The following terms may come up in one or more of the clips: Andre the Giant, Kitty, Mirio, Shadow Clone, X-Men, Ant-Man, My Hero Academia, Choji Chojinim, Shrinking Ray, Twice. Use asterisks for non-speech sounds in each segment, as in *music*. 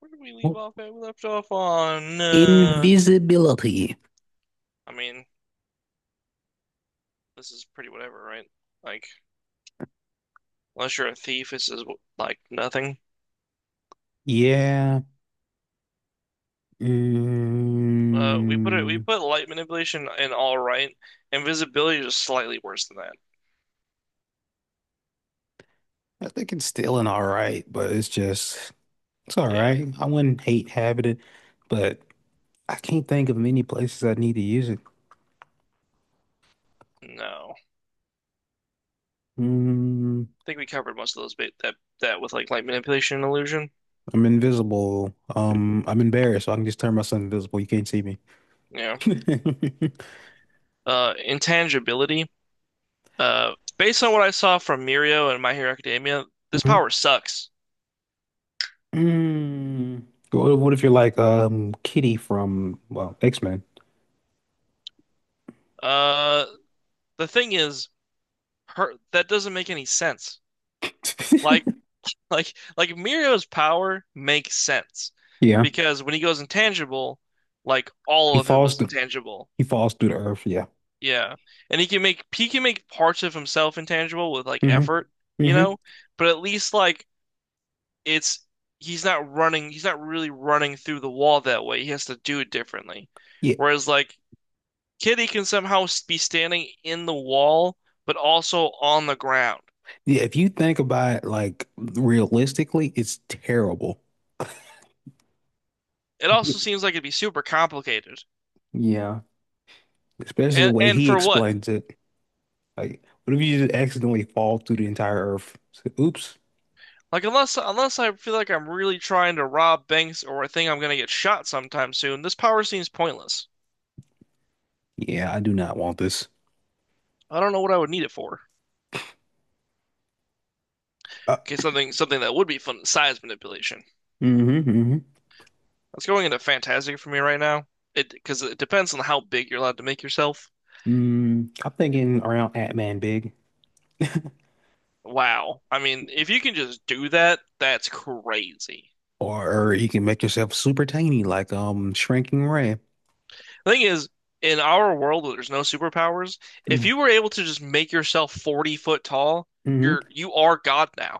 Where did we leave off at? We left off on. Invisibility. I mean, this is pretty whatever, right? Like, unless you're a thief, this is like nothing. Yeah. We put it. We Mm, put light manipulation in, all right. Invisibility is just slightly worse than that. I think it's still an all right, but it's all Yeah. right. I wouldn't hate having it, but I can't think of many places I need to use it. No. I Mm, think we covered most of those bit that with like light manipulation and illusion. I'm invisible. I'm embarrassed, so I can just turn myself invisible. You can't see me. *laughs* Yeah. Intangibility. Based on what I saw from Mirio and My Hero Academia, this Mhm. power sucks. Mm. What if you're like Kitty from, well, X-Men? Uh, the thing is, her, that doesn't make any sense. Like *laughs* *laughs* Like Mirio's power makes sense Yeah. because when he goes intangible, like all He of him falls is through intangible. he falls through the earth. Yeah. Yeah. And he can make parts of himself intangible with like hmm effort, you hmm know? But at least like it's he's not really running through the wall that way. He has to do it differently. Yeah. Whereas like Kitty can somehow be standing in the wall but also on the ground. Yeah. If you think about it, like realistically, it's terrible. It also Y- seems like it'd be super complicated. Yeah. Especially the And way and he for what? explains it. Like, what if you just accidentally fall through the entire earth? So, oops. Like unless I feel like I'm really trying to rob banks or I think I'm gonna get shot sometime soon, this power seems pointless. Yeah, I do not want this. I don't know what I would need it for. Uh, Okay, something that would be fun, size manipulation. hmm hmm That's going into fantastic for me right now. It depends on how big you're allowed to make yourself. Mm, I'm thinking around Ant-Man big. Wow. I mean, if you can just do that, that's crazy. Or you can make yourself super tiny, like Shrinking Ray. The thing is, in our world where there's no superpowers, if you were able to just make yourself 40-foot tall, Mm-hmm. you are God now.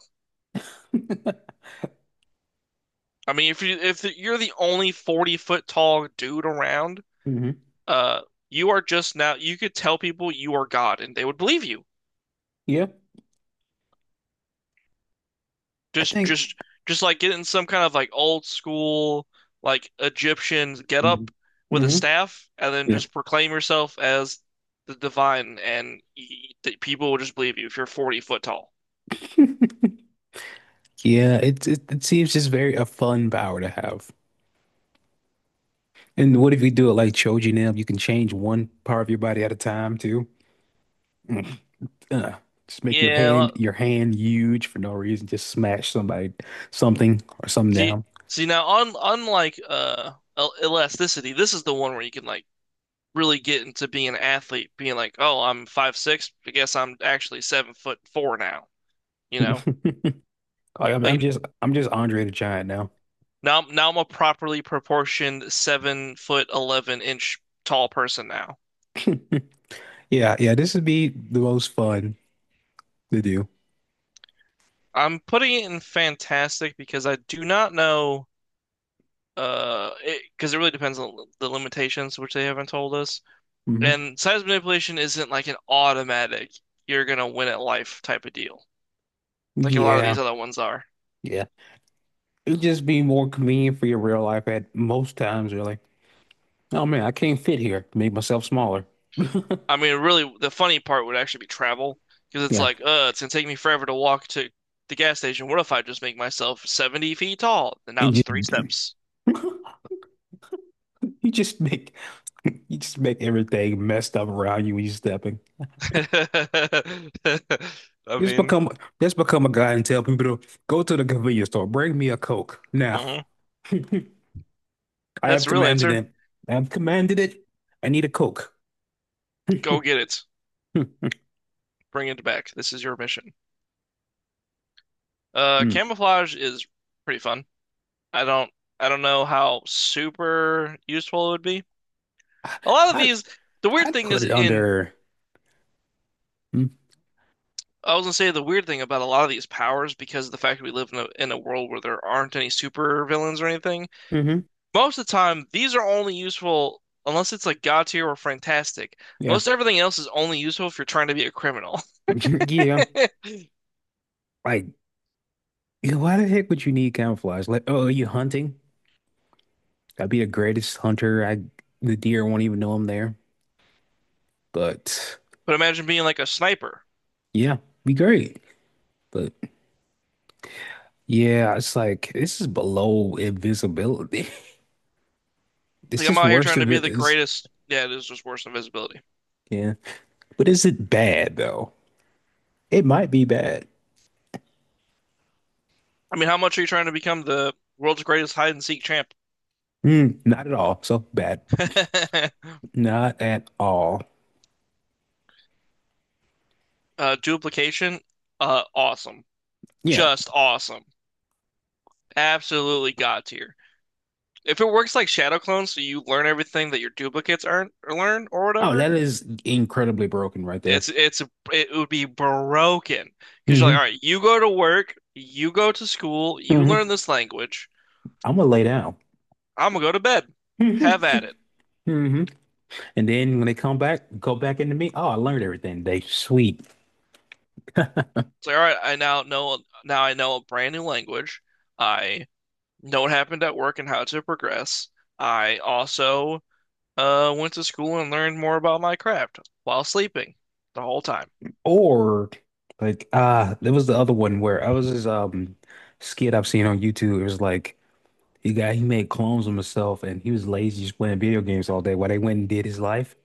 I mean, if you're the only 40-foot tall dude around, hmm uh, you are just now you could tell people you are God and they would believe you. *laughs* Yeah. I Just think. just just like getting some kind of like old school like Egyptian get Hmm up with a hmm staff and then Yeah. just proclaim yourself as the divine and people will just believe you if you're 40-foot tall. *laughs* Yeah, it seems just very a fun power to have. And what if you do it like Choji Chojinim? You can change one part of your body at a time too. Mm. Uh, just make Yeah. Your hand huge for no reason. Just smash somebody, something or something See down. see now on unlike elasticity, this is the one where you can like really get into being an athlete, being like, oh, I'm 5'6", I guess I'm actually 7'4" now, you know? *laughs* Like, Like I'm just Andre the Giant now. now I'm a properly proportioned 7'11" tall person now. *laughs* Yeah, yeah. This would be the most fun to do. I'm putting it in fantastic because I do not know it because it really depends on the limitations, which they haven't told us. Hmm And size manipulation isn't like an automatic you're gonna win at life type of deal, like a lot of Yeah, these other ones are. yeah. It'd just be more convenient for your real life at most times, really. Oh man, I can't fit here. Make myself smaller. I mean, really, the funny part would actually be travel because it's Yeah. like, it's gonna take me forever to walk to the gas station. What if I just make myself 70 feet tall? And now and it's you three steps. *laughs* you just make you just make everything messed up around you when you are stepping. *laughs* I Just mean, become just become a guy and tell people to go to the convenience store, bring me a Coke. Now mhm. *laughs* I That's have the real commanded answer. it. I have commanded it. I need a Coke. *laughs* Go get it. Bring it back. This is your mission. Mm. Camouflage is pretty fun. I don't, I don't know how super useful it would be. I, A lot of I these, the weird I'd thing put is it in under mm, I was gonna say the weird thing about a lot of these powers, because of the fact that we live in a world where there aren't any super villains or anything, mm-hmm. most of the time these are only useful unless it's like God tier or fantastic. Yeah. Most everything else is only useful if you're trying to be a criminal. *laughs* *laughs* Yeah. Like yeah, why the heck would you need camouflage? Like, oh, are you hunting? I'd be the greatest hunter. I The deer won't even know I'm there. But But imagine being like a sniper. yeah, be great. But yeah, it's like this is below invisibility. *laughs* It's Like I'm just out here worse trying to if be it the is. greatest. Yeah, it is just worse than invisibility. Yeah. But is it bad though? It might be bad. I mean, how much are you trying to become the world's greatest hide and seek champ? Mm, not at all. So bad. *laughs* Not at all. Duplication, awesome, Yeah. just awesome, absolutely God tier. If it works like Shadow Clone, so you learn everything that your duplicates aren't or learn or Oh, whatever, that is incredibly broken right there. it's it's it would be broken because you're like, Hmm all right, you go to work, you go to school, you learn hmm this language. I'm gonna lay down. I'm gonna go to bed. *laughs* hmm Have at it. hmm And then when they come back, go back into me. Oh, I learned everything today. Sweet. It's like, all right, I now know now I know a brand new language. I know what happened at work and how to progress. I also went to school and learned more about my craft while sleeping the whole time. Or like ah, there was the other one where I was this skit I've seen on YouTube. It was like he made clones of himself and he was lazy just playing video games all day while they went and did his life,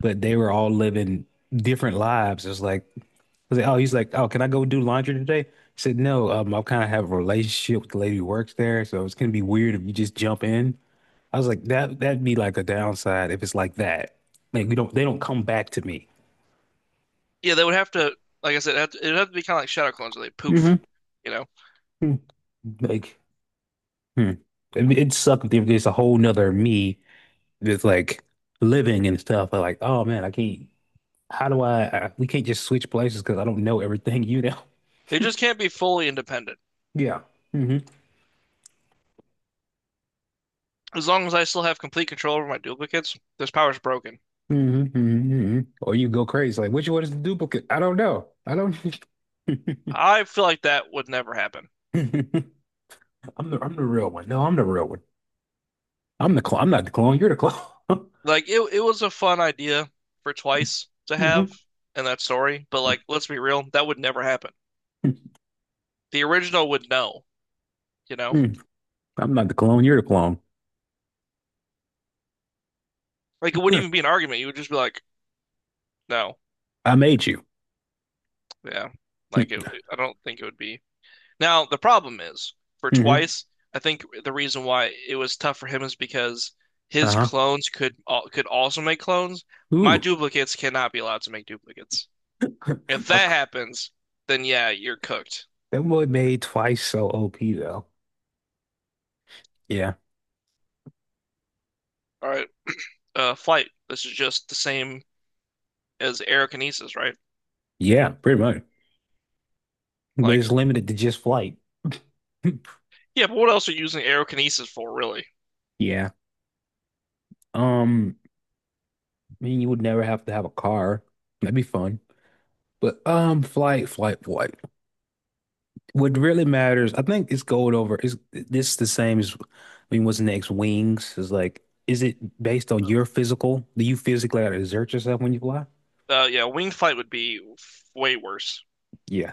but they were all living different lives. It's like, oh, he's like, oh, can I go do laundry today? I said, no, I kind of have a relationship with the lady who works there, so it's gonna be weird if you just jump in. I was like, that'd be like a downside if it's like that. Like we don't they don't come back to me. Yeah, they would have to, like I said, it'd have to be kind of like shadow clones where they poof, Hmm you know? Like Hmm. It sucked if there's a whole nother me that's like living and stuff. But like, oh man, I can't. How do I, I? We can't just switch places because I don't know everything you know. *laughs* They just can't be fully independent. Yeah. hmm As long as I still have complete control over my duplicates, this power's broken. hmm hmm Or you go crazy. Like, which one is the duplicate? I don't know. I don't. *laughs* I feel like that would never happen. I'm the I'm the real one. No, I'm the real one. I'm the clone. I'm not the clone. You're the clone. *laughs* Like it was a fun idea for Twice to Mhm. have in that story, but like, let's be real, that would never happen. The original would know, you know? Mm. I'm not the clone. You're the clone. Like it wouldn't You're even be an argument. You would just be like, no, I made you. yeah. Like Mm. I don't think it would be. Now, the problem is for Mhm. Twice, I think the reason why it was tough for him is because his Uh-huh. clones could could also make clones. My Ooh. duplicates cannot be allowed to make duplicates. If *laughs* My, that happens, then yeah, you're cooked. that boy made twice so OP though. Yeah. All right, flight. This is just the same as aerokinesis, right? Yeah, pretty much. But Like, it's limited to just flight. *laughs* yeah, but what else are you using aerokinesis for, really? Yeah. Um, I mean you would never have to have a car. That'd be fun. But flight. What really matters, I think it's going over is this the same as I mean what's next? Wings is like is it based on your physical? Do you physically gotta exert yourself when you fly? Yeah, winged flight would be way worse Yeah.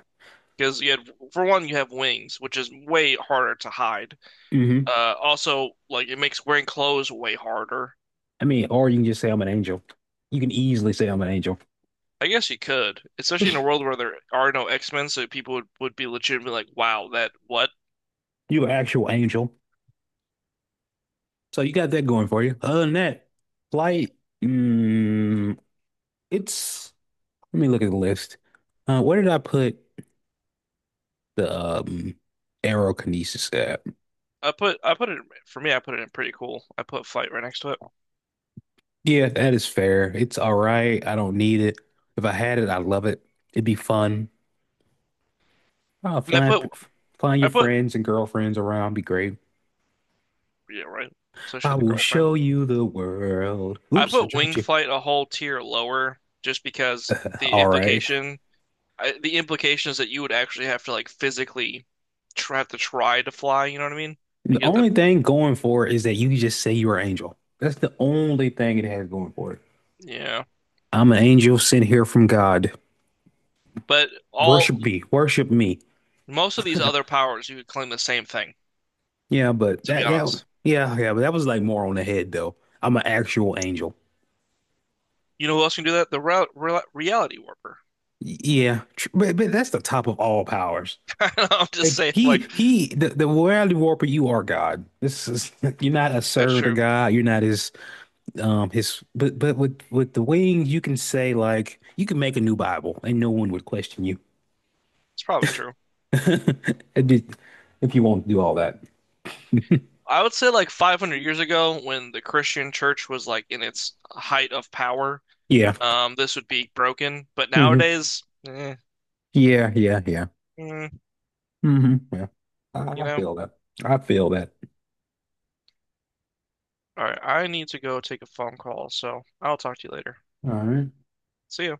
because you had, for one, you have wings, which is way harder to hide. hmm Also, like it makes wearing clothes way harder. I mean, or you can just say I'm an angel. You can easily say I'm an angel. I guess you could, especially in a *laughs* world where there are no X-Men, so people would be legitimately like, "Wow, that what?" You're an actual angel. So you got that going for you. Other than that, flight, mm, it's let me look at the list. Where did I put the aerokinesis at? I put it for me. I put it in pretty cool. I put flight right next to it, Yeah, that is fair. It's all right. I don't need it. If I had it, I'd love it. It'd be fun. Uh, and I flying, put flying I your put friends and girlfriends around be great. yeah, right, I especially the will girlfriend. show you the world. I Oops, I put dropped wing you. flight a whole tier lower just because the All right. implication is that you would actually have to like physically have to try to fly. You know what I mean? Like, The you have to. only thing going for it is that you can just say you're an angel. That's the only thing it has going for it. Yeah. I'm an angel sent here from God. But all Worship me. most of these other powers, you could claim the same thing, Yeah, but to be that honest. But that was like more on the head though. I'm an actual angel. You know who else can do that? The re re reality warper. But that's the top of all powers. *laughs* I'm just Like saying, like, the reality warper, you are God. This is *laughs* you're not a that's servant of true. God. You're not his his but with the wings you can say like you can make a new Bible and no one would question you. It's probably true. *laughs* It'd be- If you won't do all that. I would say, like, 500 years ago, when the Christian church was, like, in its height of power, Yeah. This would be broken. But hmm nowadays, Yeah, yeah, yeah. mm, hmm Yeah. You I know? feel that. I feel that. All right, I need to go take a phone call, so I'll talk to you later. All right. See you.